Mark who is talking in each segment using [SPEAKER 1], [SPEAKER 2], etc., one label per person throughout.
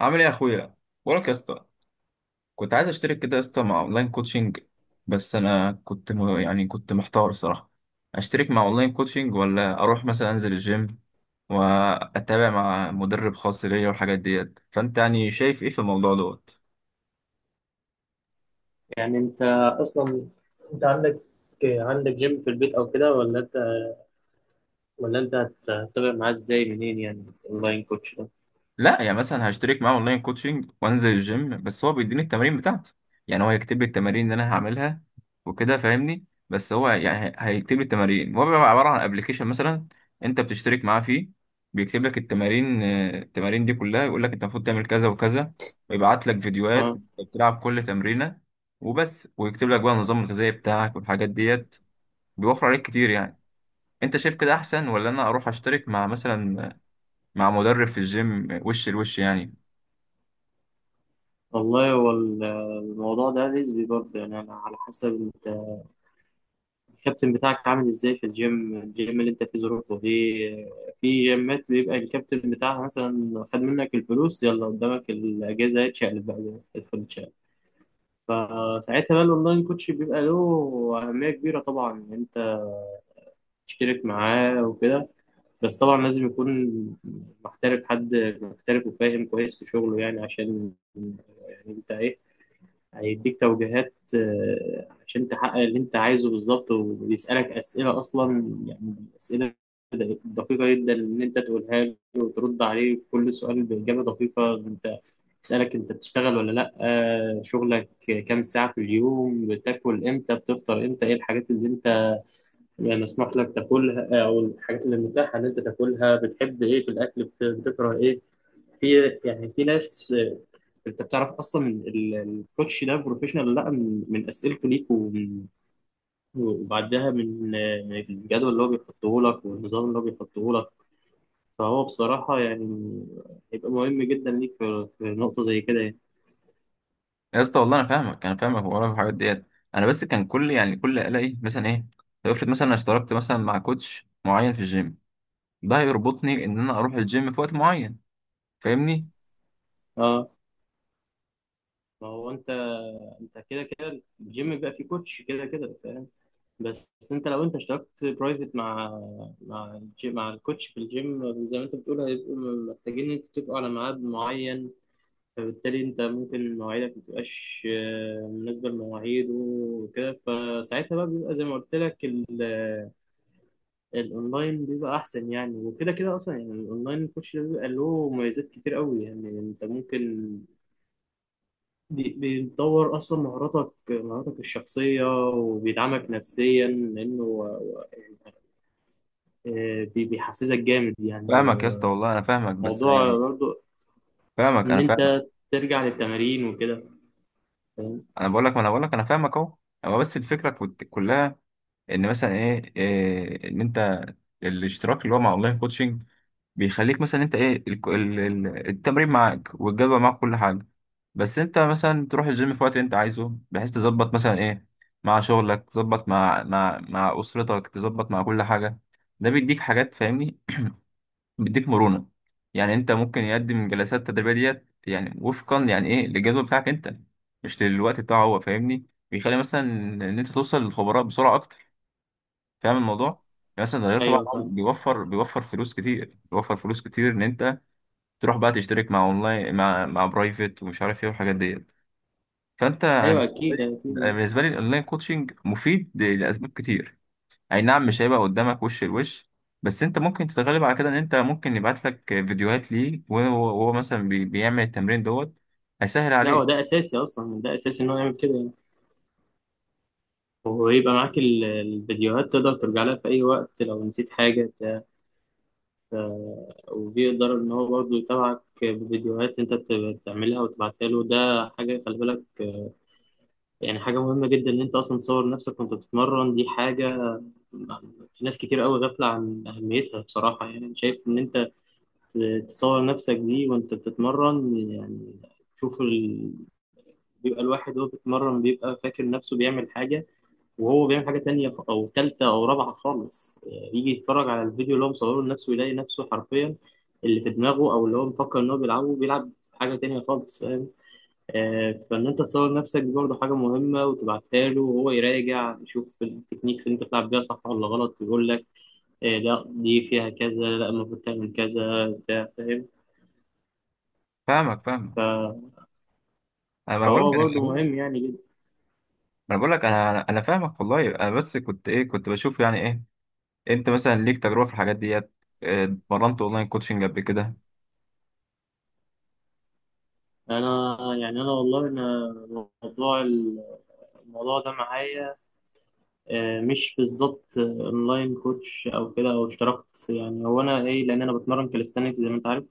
[SPEAKER 1] عامل ايه يا اخويا؟ بقولك يا اسطى، كنت عايز اشترك كده يا اسطى مع اونلاين كوتشنج. بس انا كنت يعني كنت محتار الصراحه، اشترك مع اونلاين كوتشنج ولا اروح مثلا انزل الجيم واتابع مع مدرب خاص ليا والحاجات ديت. فانت يعني شايف ايه في الموضوع دوت؟
[SPEAKER 2] يعني انت اصلا، انت عندك جيم في البيت او كده، ولا انت هتتابع معاه ازاي، منين يعني اونلاين كوتش ده؟
[SPEAKER 1] لا يعني مثلا هشترك معاه اونلاين كوتشنج وانزل الجيم، بس هو بيديني التمارين بتاعته. يعني هو هيكتب لي التمارين اللي انا هعملها وكده، فاهمني؟ بس هو يعني هيكتب لي التمارين. هو بيبقى عباره عن ابلكيشن مثلا، انت بتشترك معاه فيه، بيكتب لك التمارين. آه، التمارين دي كلها يقول لك انت المفروض تعمل كذا وكذا، ويبعت لك فيديوهات
[SPEAKER 2] اه
[SPEAKER 1] بتلعب كل تمرينه، وبس. ويكتب لك بقى النظام الغذائي بتاعك والحاجات ديت، بيوفر عليك كتير يعني. انت شايف كده احسن، ولا انا اروح اشترك مع مثلا مع مدرب في الجيم وش لوش يعني؟
[SPEAKER 2] والله، هو الموضوع ده نسبي برضه، يعني انا على حسب انت الكابتن بتاعك عامل ازاي في الجيم، اللي انت فيه ظروفه، في جيمات بيبقى الكابتن بتاعها مثلا خد منك الفلوس، يلا قدامك الاجازه اتشقلب بقى، ادخل اتشقلب. فساعتها بقى الاونلاين كوتش بيبقى له اهميه كبيره طبعا، يعني انت اشترك معاه وكده، بس طبعا لازم يكون محترف حد محترف وفاهم كويس في شغله، يعني عشان يعني انت ايه، هيديك توجيهات عشان تحقق اللي انت عايزه بالظبط، وبيسألك أسئلة أصلا، يعني أسئلة دقيقة جدا، إن أنت تقولها له وترد عليه كل سؤال بإجابة دقيقة. أنت يسألك أنت بتشتغل ولا لأ، شغلك كام ساعة في اليوم، بتاكل إمتى، بتفطر إمتى، إيه الحاجات اللي أنت يعني مسموح لك تاكلها، او الحاجات اللي متاحه ان انت تاكلها، بتحب ايه في الاكل، بتكره ايه في، يعني في ناس انت بتعرف اصلا من الكوتش ده بروفيشنال ولا لا، من اسئلته ليك وبعدها من الجدول اللي هو بيحطه لك، والنظام اللي هو بيحطه لك. فهو بصراحه يعني هيبقى مهم جدا ليك في، نقطه زي كده يعني.
[SPEAKER 1] يا اسطى والله انا فاهمك، انا فاهمك وراك في الحاجات ديت. انا بس كان كل يعني كل الاقي مثلا ايه، طب افرض مثلا انا اشتركت مثلا مع كوتش معين في الجيم، ده هيربطني ان انا اروح الجيم في وقت معين، فاهمني؟
[SPEAKER 2] اه، ما هو انت، انت كده كده الجيم بيبقى فيه كوتش كده كده، فاهم. بس انت لو انت اشتركت برايفت مع، مع الكوتش في الجيم زي ما انت بتقول، هيبقوا محتاجين ان انتوا تتفقوا على ميعاد معين، فبالتالي انت ممكن مواعيدك ما تبقاش مناسبه لمواعيده وكده، فساعتها بقى بيبقى زي ما قلت لك، الاونلاين بيبقى احسن يعني، وكده كده اصلا يعني الاونلاين الكوتش ده بيبقى له مميزات كتير قوي، يعني انت ممكن بيطور اصلا مهاراتك، الشخصيه، وبيدعمك نفسيا، لانه بيحفزك جامد يعني.
[SPEAKER 1] فاهمك يا اسطى والله انا فاهمك بس
[SPEAKER 2] وموضوع
[SPEAKER 1] يعني،
[SPEAKER 2] برضو
[SPEAKER 1] فاهمك
[SPEAKER 2] ان
[SPEAKER 1] انا فاهمك.
[SPEAKER 2] انت ترجع للتمارين وكده، فاهم.
[SPEAKER 1] انا بقول لك، ما انا بقول لك انا فاهمك اهو. هو بس الفكره كلها ان مثلا إيه ان انت الاشتراك اللي هو مع اونلاين كوتشنج بيخليك مثلا انت ايه التمرين معاك والجدول معاك كل حاجه. بس انت مثلا تروح الجيم في وقت اللي انت عايزه، بحيث تظبط مثلا ايه مع شغلك، تظبط مع مع اسرتك، تظبط مع كل حاجه. ده بيديك حاجات، فاهمني؟ بيديك مرونه، يعني انت ممكن يقدم الجلسات التدريبيه ديت يعني وفقا يعني ايه للجدول بتاعك انت، مش للوقت بتاعه هو، فاهمني؟ بيخلي مثلا ان انت توصل للخبراء بسرعه اكتر، فاهم الموضوع؟ يعني مثلا ده غير طبعا
[SPEAKER 2] ايوه فاهم.
[SPEAKER 1] بيوفر، بيوفر فلوس كتير ان انت تروح بقى تشترك مع اونلاين مع مع برايفت ومش عارف ايه والحاجات ديت. فانت انا
[SPEAKER 2] ايوه
[SPEAKER 1] بالنسبه
[SPEAKER 2] اكيد
[SPEAKER 1] لي، أنا
[SPEAKER 2] اكيد.
[SPEAKER 1] بالنسبه لي الاونلاين كوتشنج مفيد لاسباب كتير. اي نعم مش هيبقى قدامك وش لوش، بس انت ممكن تتغلب على كده، ان انت ممكن يبعت لك فيديوهات ليه، وهو وهو مثلا بيعمل التمرين دوت، هيسهل
[SPEAKER 2] لا، هو
[SPEAKER 1] عليك.
[SPEAKER 2] ده اساسي اصلا، ده اساسي ان هو يعمل كده يعني، وهو يبقى معاك الفيديوهات، تقدر ترجع لها في اي وقت لو نسيت حاجه بتاع. وبيقدر ان هو برضو يتابعك بفيديوهات انت بتعملها وتبعتها له. ده حاجه خلي بالك، يعني حاجه مهمه جدا ان انت اصلا تصور نفسك وانت بتتمرن. دي حاجه في ناس كتير قوي غافله عن اهميتها بصراحه، يعني أنا شايف ان انت تصور نفسك دي وانت بتتمرن، يعني تشوف ال... بيبقى الواحد وهو بيتمرن بيبقى فاكر نفسه بيعمل حاجة، وهو بيعمل حاجة تانية، أو تالتة أو رابعة خالص. يجي يتفرج على الفيديو اللي هو مصوره لنفسه، يلاقي نفسه حرفيا اللي في دماغه أو اللي هو مفكر إن هو بيلعبه، بيلعب حاجة تانية خالص، فاهم. فإن أنت تصور نفسك دي برضه حاجة مهمة، وتبعتها له وهو يراجع يشوف التكنيكس اللي أنت بتلعب بيها صح ولا غلط، يقول لك لا دي فيها كذا، لا المفروض تعمل كذا بتاع، فاهم.
[SPEAKER 1] فاهمك فاهمك، انا بقول
[SPEAKER 2] فهو
[SPEAKER 1] لك انا
[SPEAKER 2] برضو
[SPEAKER 1] بقول لك
[SPEAKER 2] مهم يعني جدا.
[SPEAKER 1] انا بقول لك، انا انا أنا فاهمك والله. انا بس كنت ايه كنت بشوف يعني ايه، انت مثلا ليك تجربه في الحاجات ديت؟ آه، اتمرنت اونلاين كوتشنج قبل كده؟
[SPEAKER 2] انا يعني انا والله انا موضوع الموضوع ده معايا مش بالظبط اونلاين كوتش او كده او اشتركت، يعني هو انا ايه، لان انا بتمرن كاليستانكس زي ما انت عارف.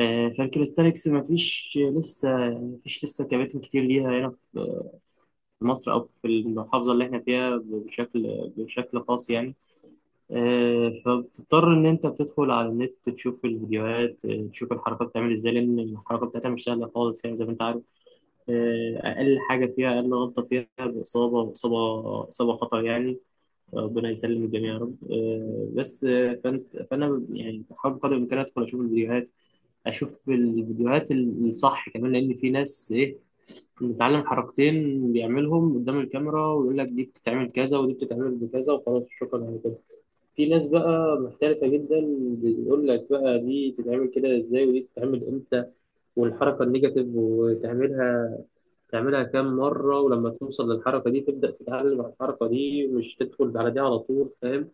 [SPEAKER 2] فالكاليستانكس مفيش لسه، يعني مفيش لسه كباتن كتير ليها هنا في، مصر او في المحافظه اللي احنا فيها، بشكل خاص يعني. فبتضطر ان انت بتدخل على النت تشوف الفيديوهات، تشوف الحركات بتعمل ازاي، لان الحركه بتاعتها مش سهله خالص يعني زي ما انت عارف. أقل حاجة فيها، أقل غلطة فيها بإصابة، إصابة خطر يعني، ربنا يسلم الجميع يا رب. آه، بس آه، فأنت فأنا يعني بحاول بقدر الإمكان أدخل أشوف الفيديوهات، الصح كمان، لأن في ناس إيه متعلم حركتين بيعملهم قدام الكاميرا ويقول لك دي بتتعمل كذا ودي بتتعمل بكذا، وخلاص شكرا على كده. في ناس بقى محترفة جدا بيقول لك بقى دي تتعمل كده ازاي، ودي تتعمل امتى، والحركة النيجاتيف وتعملها تعملها كام مرة، ولما توصل للحركة دي تبدأ تتعلم على الحركة دي، مش تدخل على دي على طول، فاهم.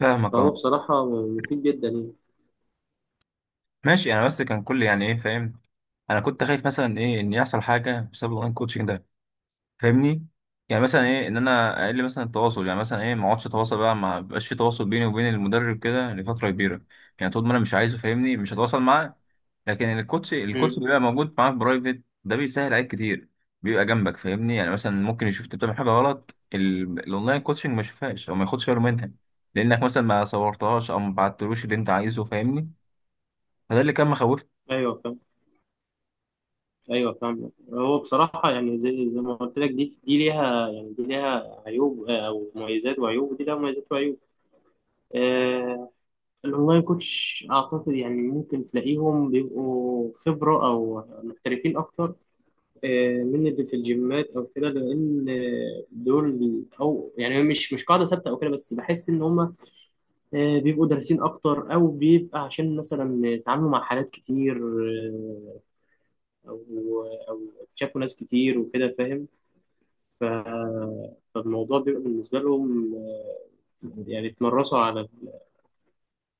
[SPEAKER 1] فاهمك،
[SPEAKER 2] فهو
[SPEAKER 1] اه.
[SPEAKER 2] بصراحة مفيد جدا يعني.
[SPEAKER 1] ماشي، انا بس كان كل يعني ايه، فاهم؟ انا كنت خايف مثلا ايه ان يحصل حاجه بسبب الاونلاين كوتشنج ده، فاهمني؟ يعني مثلا ايه ان انا اقل مثلا التواصل، يعني مثلا ايه ما اقعدش اتواصل بقى، ما بقاش في تواصل بيني وبين المدرب كده لفتره كبيره. يعني طول ما انا مش عايزه، فاهمني، مش هتواصل معاه. لكن الكوتش، الكوتش
[SPEAKER 2] مم.
[SPEAKER 1] بيبقى موجود معاك برايفت، ده بيسهل عليك كتير، بيبقى جنبك فاهمني. يعني مثلا ممكن يشوف انت بتعمل حاجه غلط، الاونلاين كوتشنج ما يشوفهاش او ما ياخدش باله منها، لانك مثلا ما صورتهاش او ما بعتلوش اللي انت عايزه، فاهمني؟ فده اللي كان مخوفني.
[SPEAKER 2] ايوه فاهم. ايوه فاهم، هو بصراحه يعني زي ما قلت لك، دي ليها يعني، دي ليها عيوب او مميزات وعيوب، ودي ليها مميزات وعيوب. آه، الاونلاين كوتش اعتقد يعني ممكن تلاقيهم بيبقوا خبره او محترفين اكتر من اللي في الجيمات او كده، لان دول او يعني مش قاعده ثابته او كده، بس بحس ان هم بيبقوا دارسين اكتر، او بيبقى عشان مثلا اتعاملوا مع حالات كتير آه، او او شافوا ناس كتير وكده، فاهم. ف- فالموضوع بيبقى بالنسبه لهم يعني اتمرسوا على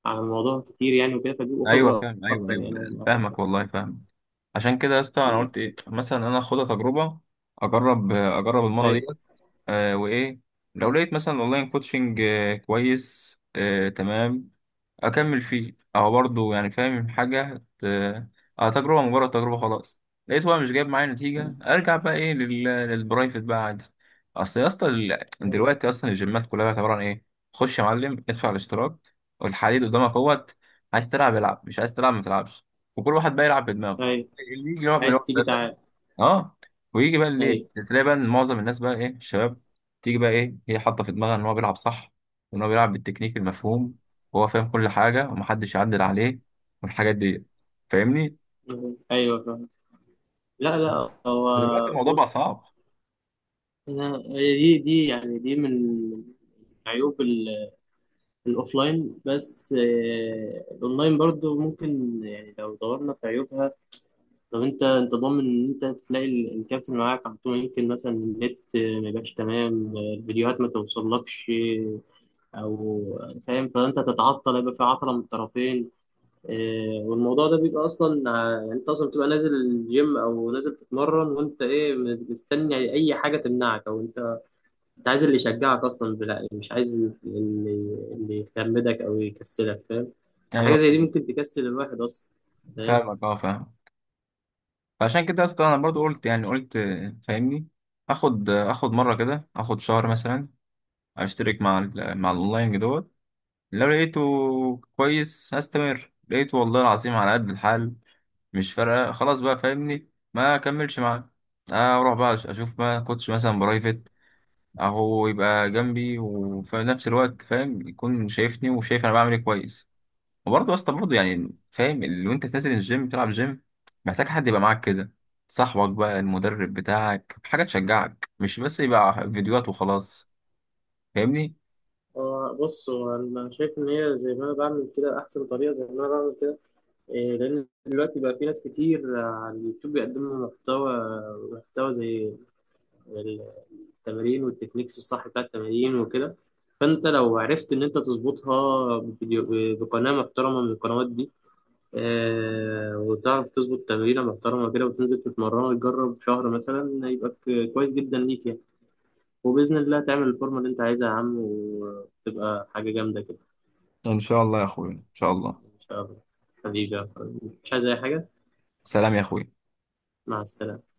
[SPEAKER 2] على الموضوع كتير يعني وكده، فبيبقوا
[SPEAKER 1] ايوه
[SPEAKER 2] خبره
[SPEAKER 1] فاهم، ايوه
[SPEAKER 2] اكتر يعني،
[SPEAKER 1] ايوه.
[SPEAKER 2] أنا أعتقد.
[SPEAKER 1] فاهمك والله فاهمك. عشان كده يا اسطى انا
[SPEAKER 2] مم.
[SPEAKER 1] قلت ايه، مثلا انا اخدها تجربه، اجرب المره
[SPEAKER 2] ايوه،
[SPEAKER 1] ديت. آه وايه، لو لقيت مثلا اونلاين كوتشنج آه كويس آه تمام، اكمل فيه. او برضه يعني فاهم حاجه اه تجربه، مجرد تجربه خلاص. لقيت هو مش جايب معايا نتيجه، ارجع بقى ايه للبرايفت بقى عادي. اصل يا اسطى
[SPEAKER 2] ايوه.
[SPEAKER 1] دلوقتي اصلا الجيمات كلها عباره عن ايه، خش يا معلم ادفع الاشتراك والحديد قدامك اهوت. عايز تلعب العب، مش عايز تلعب ما تلعبش. وكل واحد بقى يلعب بدماغه،
[SPEAKER 2] أيوه.
[SPEAKER 1] اللي يجي يلعب
[SPEAKER 2] عايز
[SPEAKER 1] بالوقت ده،
[SPEAKER 2] تيجي، تعال.
[SPEAKER 1] اه، ويجي بقى الليل
[SPEAKER 2] ايوه،
[SPEAKER 1] تلاقي بقى إن معظم الناس بقى ايه الشباب، تيجي بقى ايه هي حاطه في دماغها ان هو بيلعب صح، وان هو بيلعب بالتكنيك المفهوم، وهو فاهم كل حاجه ومحدش يعدل عليه، والحاجات دي، فاهمني؟
[SPEAKER 2] ايوه. لا لا، هو
[SPEAKER 1] دلوقتي الموضوع بقى
[SPEAKER 2] بص،
[SPEAKER 1] صعب.
[SPEAKER 2] أنا هي دي من عيوب الأوفلاين، بس الأونلاين برضو ممكن، يعني لو دورنا في عيوبها، لو أنت ضامن إن أنت تلاقي الكابتن معاك على طول، يمكن مثلا النت ما يبقاش تمام، الفيديوهات ما توصلكش، آه، أو فاهم، فأنت تتعطل، يبقى في عطلة من الطرفين. إيه، والموضوع ده بيبقى اصلا يعني انت اصلا بتبقى نازل الجيم او نازل تتمرن، وانت ايه مستني اي حاجه تمنعك، او انت عايز اللي يشجعك اصلا، بلا مش عايز اللي يخمدك او يكسلك، فاهم. حاجه
[SPEAKER 1] ايوه
[SPEAKER 2] زي دي ممكن تكسل الواحد اصلا، فاهم.
[SPEAKER 1] فاهمك، اه فاهم. فعشان كده اصلا انا برضو قلت، يعني قلت آه، فاهمني، اخد آه، اخد مره كده، اخد شهر مثلا، اشترك مع مع الاونلاين دوت. لو لقيته كويس هستمر، لقيته والله العظيم على قد الحال، مش فارقه خلاص بقى، فاهمني، ما اكملش معاه. اروح بقى اشوف ما كوتش مثلا برايفت، اهو يبقى جنبي وفي نفس الوقت، فاهم، يكون شايفني وشايف انا بعمل ايه كويس. وبرضه اصلا برضه يعني فاهم اللي، وانت نازل الجيم بتلعب جيم، محتاج حد يبقى معاك كده، صاحبك بقى، المدرب بتاعك، حاجه تشجعك، مش بس يبقى فيديوهات وخلاص، فاهمني؟
[SPEAKER 2] هو بص، هو انا شايف ان هي زي ما انا بعمل كده احسن طريقه زي ما انا بعمل كده. إيه، لان دلوقتي بقى في ناس كتير على اليوتيوب بيقدموا محتوى، زي التمارين والتكنيكس الصح بتاع التمارين وكده. فانت لو عرفت ان انت تظبطها بفيديو بقناه محترمه من القنوات دي وتعرف تظبط تمرينه محترمه كده وتنزل تتمرن وتجرب شهر مثلا، يبقى كويس جدا ليك يعني، وباذن الله تعمل الفورمه اللي انت عايزها يا عم، وتبقى حاجه جامده كده.
[SPEAKER 1] ان شاء الله يا اخويا، ان شاء الله.
[SPEAKER 2] ان شاء الله. حبيبي يا أخوي. مش عايز اي حاجه.
[SPEAKER 1] سلام يا اخويا.
[SPEAKER 2] مع السلامه.